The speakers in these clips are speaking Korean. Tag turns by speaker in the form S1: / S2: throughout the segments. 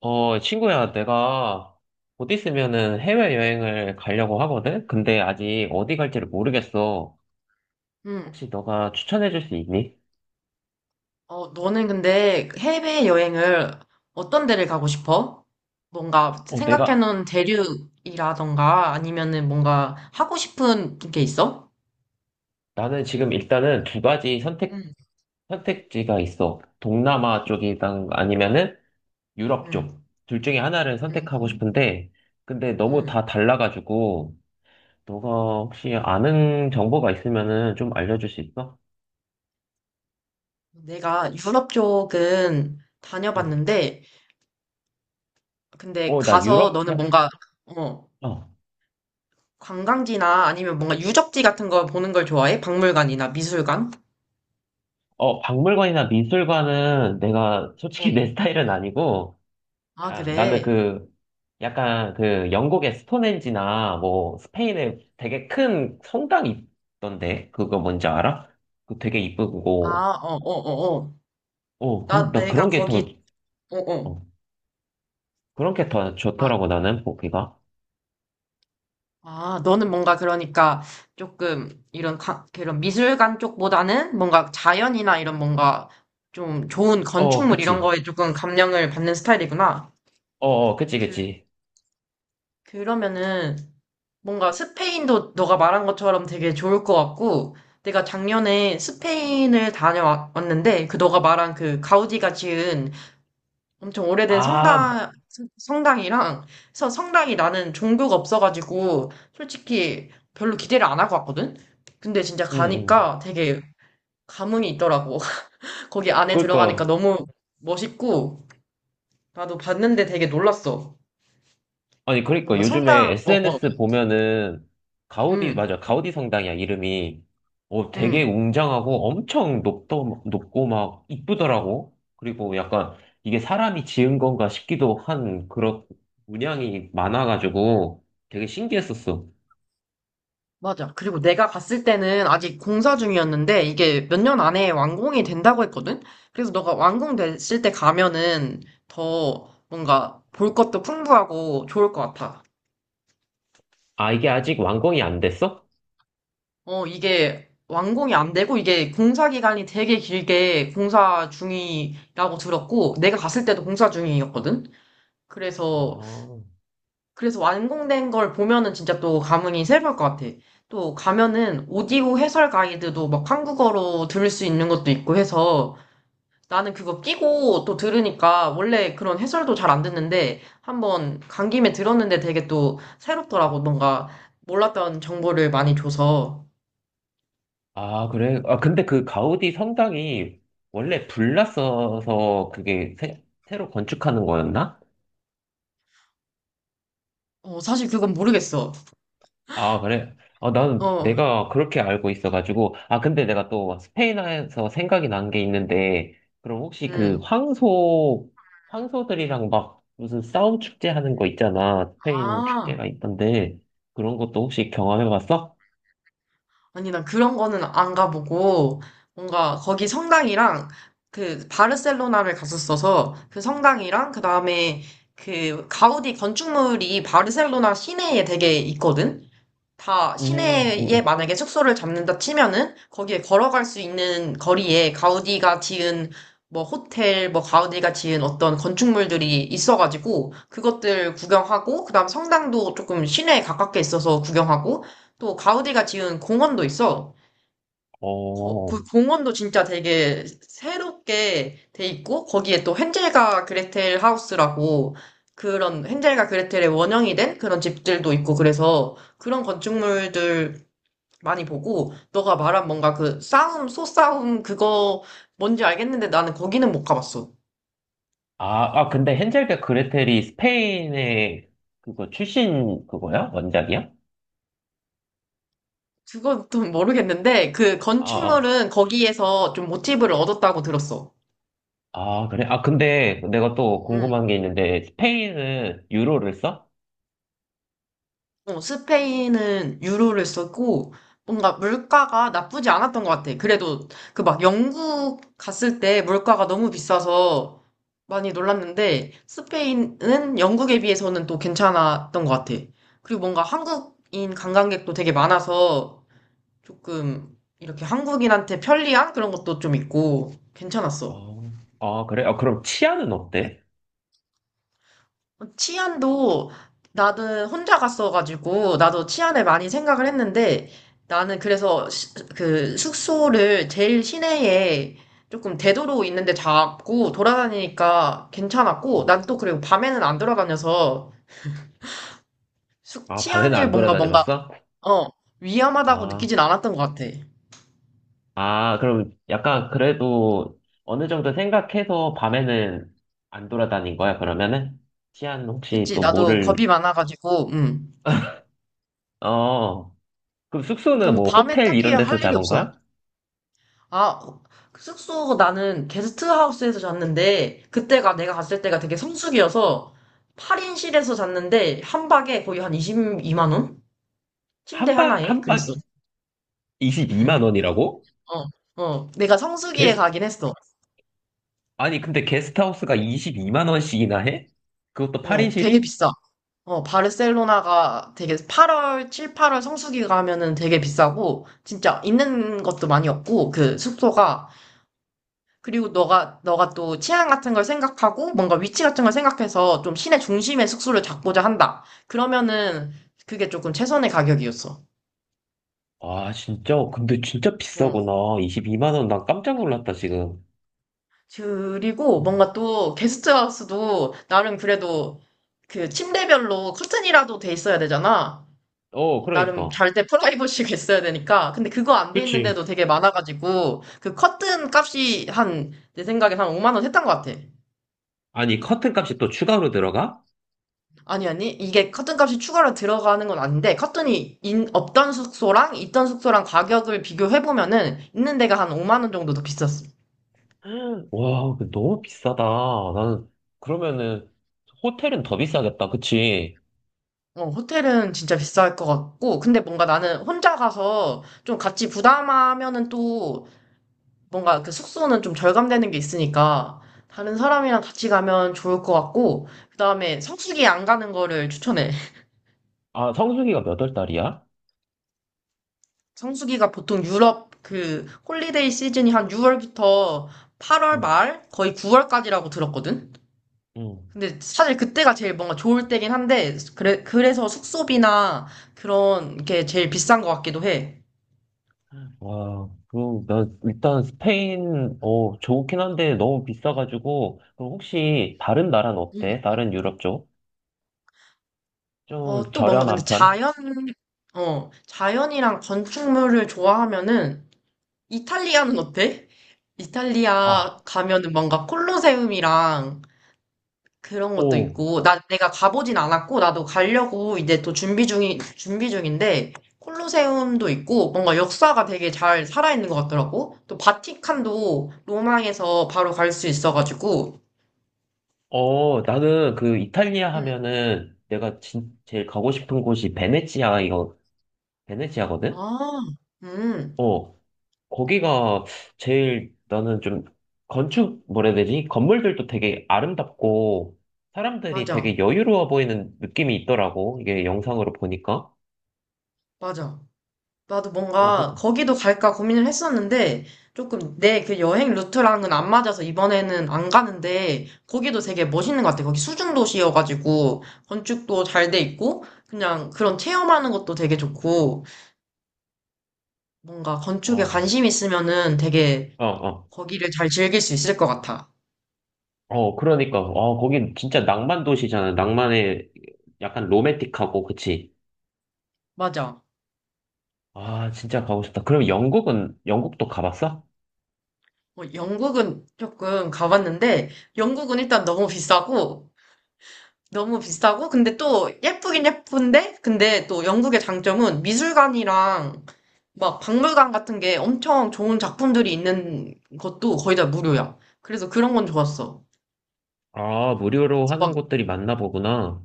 S1: 친구야, 내가 곧 있으면은 해외여행을 가려고 하거든? 근데 아직 어디 갈지를 모르겠어.
S2: 응
S1: 혹시 너가 추천해줄 수 있니?
S2: 너는 근데 해외여행을 어떤 데를 가고 싶어? 뭔가
S1: 어, 내가,
S2: 생각해놓은 대륙이라던가 아니면은 뭔가 하고 싶은 게 있어?
S1: 나는 지금 일단은
S2: 응
S1: 선택지가 있어. 동남아 쪽이랑 아니면은 유럽
S2: 응
S1: 쪽. 둘 중에 하나를 선택하고
S2: 응
S1: 싶은데, 근데 너무
S2: 응.
S1: 다 달라가지고, 너가 혹시 아는 정보가 있으면은 좀 알려줄 수 있어?
S2: 내가 유럽 쪽은
S1: 응.
S2: 다녀봤는데, 근데
S1: 어, 나
S2: 가서
S1: 유럽,
S2: 너는 뭔가, 어,
S1: 어.
S2: 관광지나 아니면 뭔가 유적지 같은 거 보는 걸 좋아해? 박물관이나 미술관?
S1: 어, 박물관이나 미술관은 내가 솔직히 내
S2: 응.
S1: 스타일은 아니고,
S2: 아,
S1: 아, 나는
S2: 그래.
S1: 그, 약간 그 영국의 스톤헨지나 뭐 스페인에 되게 큰 성당이 있던데, 그거 뭔지 알아? 그 되게
S2: 아,
S1: 이쁘고,
S2: 어, 어, 어, 어.
S1: 나
S2: 내가
S1: 그런 게
S2: 거기,
S1: 더,
S2: 어, 어.
S1: 어, 그런 게 더
S2: 아,
S1: 좋더라고, 나는, 보기가.
S2: 아, 너는 뭔가 그러니까 조금 이런 그런 미술관 쪽보다는 뭔가 자연이나 이런 뭔가 좀 좋은
S1: 어,
S2: 건축물 이런
S1: 그치.
S2: 거에 조금 감명을 받는 스타일이구나.
S1: 그치,
S2: 그,
S1: 그치.
S2: 그러면은 뭔가 스페인도 너가 말한 것처럼 되게 좋을 것 같고, 내가 작년에 스페인을 다녀왔는데 그 너가 말한 그 가우디가 지은 엄청 오래된
S1: 아,
S2: 성당, 당이랑 그래서 성당이 나는 종교가 없어가지고, 솔직히 별로 기대를 안 하고 왔거든? 근데 진짜
S1: 응, 응.
S2: 가니까 되게 감흥이 있더라고. 거기 안에 들어가니까
S1: 그니까,
S2: 너무 멋있고, 나도 봤는데 되게 놀랐어.
S1: 아니, 그러니까
S2: 뭔가
S1: 요즘에
S2: 성당, 어, 어,
S1: SNS 보면은 가우디,
S2: 음,
S1: 맞아. 가우디 성당이야, 이름이. 어, 되게
S2: 음.
S1: 웅장하고 엄청 높고 막 이쁘더라고. 그리고 약간 이게 사람이 지은 건가 싶기도 한 그런 문양이 많아가지고 되게 신기했었어.
S2: 맞아. 그리고 내가 갔을 때는 아직 공사 중이었는데 이게 몇 년 안에 완공이 된다고 했거든? 그래서 너가 완공됐을 때 가면은 더 뭔가 볼 것도 풍부하고 좋을 것 같아.
S1: 아, 이게 아직 완공이 안 됐어?
S2: 어, 이게 완공이 안 되고 이게 공사 기간이 되게 길게 공사 중이라고 들었고 내가 갔을 때도 공사 중이었거든? 그래서,
S1: 아,
S2: 그래서 완공된 걸 보면은 진짜 또 감흥이 새로울 것 같아. 또 가면은 오디오 해설 가이드도 막 한국어로 들을 수 있는 것도 있고 해서, 나는 그거 끼고 또 들으니까 원래 그런 해설도 잘 안 듣는데 한 번 간 김에 들었는데 되게 또 새롭더라고. 뭔가 몰랐던 정보를 많이 줘서.
S1: 아, 그래? 아, 근데 그 가우디 성당이 원래 불났어서 그게 새로 건축하는 거였나?
S2: 어, 사실 그건 모르겠어.
S1: 아, 그래? 아, 나는
S2: 어,
S1: 내가 그렇게 알고 있어가지고. 아, 근데 내가 또 스페인에서 생각이 난 게 있는데, 그럼 혹시 그
S2: 음.
S1: 황소, 황소들이랑 막 무슨 싸움 축제 하는 거 있잖아. 스페인
S2: 아,
S1: 축제가 있던데, 그런 것도 혹시 경험해봤어?
S2: 아니, 난 그런 거는 안 가보고 뭔가 거기 성당이랑 그 바르셀로나를 갔었어서 그 성당이랑 그 다음에 그 가우디 건축물이 바르셀로나 시내에 되게 있거든? 다
S1: 음, 음,
S2: 시내에
S1: 음.
S2: 만약에 숙소를 잡는다 치면은 거기에 걸어갈 수 있는 거리에 가우디가 지은 뭐 호텔, 뭐 가우디가 지은 어떤 건축물들이 있어가지고 그것들 구경하고 그다음 성당도 조금 시내에 가깝게 있어서 구경하고 또 가우디가 지은 공원도 있어.
S1: 어.
S2: 그 공원도 진짜 되게 새롭게 돼 있고, 거기에 또 헨젤과 그레텔 하우스라고 그런 헨젤과 그레텔의 원형이 된 그런 집들도 있고 그래서 그런 건축물들 많이 보고, 너가 말한 뭔가 그 싸움, 소싸움 그거 뭔지 알겠는데 나는 거기는 못 가봤어.
S1: 아, 아, 근데 헨젤과 그레텔이 스페인의 그거 출신 그거야? 원작이야?
S2: 그것도 모르겠는데, 그
S1: 아, 아,
S2: 건축물은 거기에서 좀 모티브를 얻었다고 들었어.
S1: 아, 그래? 아, 근데 내가 또
S2: 음.
S1: 궁금한 게 있는데, 스페인은 유로를 써?
S2: 어, 스페인은 유로를 썼고, 뭔가 물가가 나쁘지 않았던 것 같아. 그래도 그 막 영국 갔을 때 물가가 너무 비싸서 많이 놀랐는데, 스페인은 영국에 비해서는 또 괜찮았던 것 같아. 그리고 뭔가 한국인 관광객도 되게 많아서 조금 이렇게 한국인한테 편리한 그런 것도 좀 있고 괜찮았어.
S1: 어. 아, 그래? 아, 그럼 치아는 어때?
S2: 치안도 나는 혼자 갔어가지고 나도 치안에 많이 생각을 했는데, 나는 그래서 그 숙소를 제일 시내에 조금 대도로 있는데 잡고 돌아다니니까 괜찮았고, 난
S1: 음.
S2: 또 그리고 밤에는 안 돌아다녀서 숙
S1: 아, 밤에는
S2: 치안일
S1: 안
S2: 뭔가 뭔가
S1: 돌아다녀봤어?
S2: 어 위험하다고
S1: 아,
S2: 느끼진 않았던 것 같아.
S1: 아, 그럼 약간 그래도 어느 정도 생각해서 밤에는 안 돌아다닌 거야, 그러면은? 치안 혹시
S2: 그치,
S1: 또
S2: 나도
S1: 뭐를,
S2: 겁이 많아가지고
S1: 어, 그럼
S2: 그리고
S1: 숙소는
S2: 뭔가
S1: 뭐
S2: 밤에
S1: 호텔
S2: 딱히
S1: 이런 데서
S2: 할 일이
S1: 잡은
S2: 없어.
S1: 거야?
S2: 아, 그 숙소 나는 게스트하우스에서 잤는데, 그때가 내가 갔을 때가 되게 성수기여서, 8인실에서 잤는데, 한 박에 거의 한 22만 원? 침대 하나에?
S1: 한
S2: 그랬어.
S1: 박 22만 원이라고?
S2: 어, 어. 내가 성수기에
S1: 게스,
S2: 가긴 했어.
S1: 아니, 근데 게스트하우스가 22만 원씩이나 해? 그것도 파인
S2: 어,
S1: 실
S2: 되게
S1: 이
S2: 비싸. 어, 바르셀로나가 되게 8월, 7, 8월 성수기 가면은 되게 비싸고, 진짜 있는 것도 많이 없고, 그 숙소가 그리고 너가 또 취향 같은 걸 생각하고 뭔가 위치 같은 걸 생각해서 좀 시내 중심의 숙소를 잡고자 한다. 그러면은 그게 조금 최선의 가격이었어.
S1: 아, 진짜? 근데 진짜
S2: 응.
S1: 비싸구나. 22만 원, 난 깜짝 놀랐다, 지금.
S2: 그리고
S1: 어,
S2: 뭔가 또 게스트하우스도 나름 그래도 그 침대별로 커튼이라도 돼 있어야 되잖아. 나름
S1: 그러니까.
S2: 잘 때 프라이버시가 있어야 되니까. 근데 그거 안 돼
S1: 그치.
S2: 있는데도 되게 많아가지고 그 커튼 값이 한, 내 생각에 한 5만 원 했던 것 같아.
S1: 아니, 커튼 값이 또 추가로 들어가?
S2: 아니, 아니. 이게 커튼값이 추가로 들어가는 건 아닌데, 커튼이 없던 숙소랑 있던 숙소랑 가격을 비교해보면은, 있는 데가 한 5만 원 정도 더 비쌌어.
S1: 와, 근데 너무 비싸다. 나는, 그러면은, 호텔은 더 비싸겠다. 그치?
S2: 어, 호텔은 진짜 비쌀 것 같고, 근데 뭔가 나는 혼자 가서 좀 같이 부담하면은 또, 뭔가 그 숙소는 좀 절감되는 게 있으니까, 다른 사람이랑 같이 가면 좋을 것 같고, 그 다음에 성수기 안 가는 거를 추천해.
S1: 아, 성수기가 몇월 달이야?
S2: 성수기가 보통 유럽 그 홀리데이 시즌이 한 6월부터 8월
S1: 응,
S2: 말 거의 9월까지라고 들었거든?
S1: 응.
S2: 근데 사실 그때가 제일 뭔가 좋을 때긴 한데, 그래서 숙소비나 그런 게 제일 비싼 것 같기도 해.
S1: 와, 그럼 나 일단 스페인, 어, 좋긴 한데 너무 비싸가지고, 그럼 혹시 다른 나라는
S2: 음.
S1: 어때? 다른 유럽 쪽? 좀
S2: 어, 또 뭔가 근데
S1: 저렴한 편?
S2: 자연, 어, 자연이랑 건축물을 좋아하면은 이탈리아는 어때? 이탈리아
S1: 아,
S2: 가면은 뭔가 콜로세움이랑 그런 것도
S1: 오.
S2: 있고, 내가 가보진 않았고, 나도 가려고 이제 또 준비 중인데, 콜로세움도 있고, 뭔가 역사가 되게 잘 살아있는 것 같더라고. 또 바티칸도 로마에서 바로 갈 수 있어가지고,
S1: 어, 나는 그 이탈리아
S2: 음,
S1: 하면은 내가 진, 제일 가고 싶은 곳이 베네치아, 이거, 베네치아거든?
S2: 아, 음,
S1: 어, 거기가 제일 나는 좀 건축, 뭐라 해야 되지? 건물들도 되게 아름답고 사람들이
S2: 맞아,
S1: 되게 여유로워 보이는 느낌이 있더라고. 이게 영상으로 보니까.
S2: 맞아. 나도
S1: 어, 그,
S2: 뭔가 거기도 갈까 고민을 했었는데 조금 내 그 여행 루트랑은 안 맞아서 이번에는 안 가는데, 거기도 되게 멋있는 것 같아. 거기 수중 도시여가지고 건축도 잘 돼 있고 그냥 그런 체험하는 것도 되게 좋고, 뭔가 건축에
S1: 어,
S2: 관심 있으면은 되게
S1: 어.
S2: 거기를 잘 즐길 수 있을 것 같아.
S1: 어, 그러니까. 어, 거긴 진짜 낭만 도시잖아. 낭만의 약간 로맨틱하고, 그치?
S2: 맞아.
S1: 아, 진짜 가고 싶다. 그럼 영국은, 영국도 가봤어?
S2: 뭐 영국은 조금 가봤는데 영국은 일단 너무 비싸고 너무 비싸고, 근데 또 예쁘긴 예쁜데, 근데 또 영국의 장점은 미술관이랑 막 박물관 같은 게 엄청 좋은 작품들이 있는 것도 거의 다 무료야. 그래서 그런 건 좋았어.
S1: 아, 무료로
S2: 그래서
S1: 하는
S2: 막,
S1: 곳들이 많나 보구나.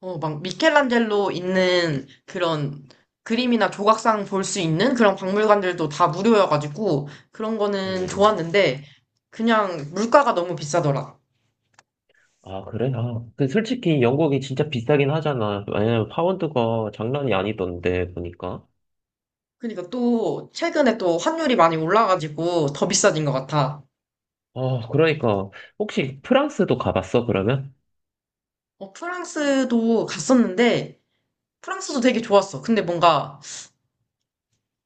S2: 어, 막 미켈란젤로 있는 그런 그림이나 조각상 볼 수 있는 그런 박물관들도 다 무료여가지고 그런 거는
S1: 음.
S2: 좋았는데, 그냥 물가가 너무 비싸더라.
S1: 아, 그래? 아, 그 솔직히 영국이 진짜 비싸긴 하잖아. 왜냐면 파운드가 장난이 아니던데, 보니까.
S2: 그러니까 또 최근에 또 환율이 많이 올라가지고 더 비싸진 것 같아.
S1: 아, 그러니까. 혹시 프랑스도 가봤어, 그러면?
S2: 어, 프랑스도 갔었는데, 프랑스도 되게 좋았어. 근데 뭔가,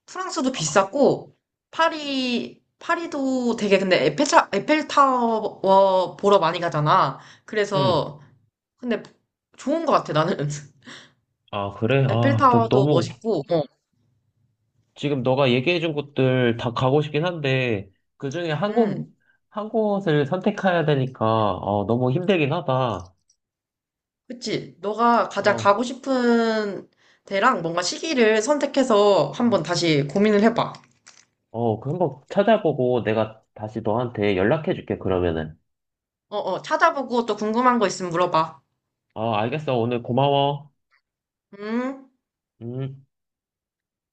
S2: 프랑스도
S1: 아,
S2: 비쌌고, 파리도 되게 근데 에펠타워 보러 많이 가잖아.
S1: 응.
S2: 그래서, 근데 좋은 것 같아, 나는.
S1: 아, 그래? 아, 나
S2: 에펠타워도
S1: 너무,
S2: 멋있고, 어,
S1: 지금 너가 얘기해준 곳들 다 가고 싶긴 한데, 그 중에 한
S2: 음,
S1: 곳, 한 곳을 선택해야 되니까, 어, 너무 힘들긴 하다.
S2: 그치. 너가 가장
S1: 어,
S2: 가고 싶은 데랑 뭔가 시기를 선택해서 한번 다시 고민을 해봐.
S1: 그 한번 찾아보고 내가 다시 너한테 연락해줄게, 그러면은.
S2: 어, 어, 찾아보고 또 궁금한 거 있으면 물어봐.
S1: 어, 알겠어. 오늘 고마워.
S2: 음.
S1: 음.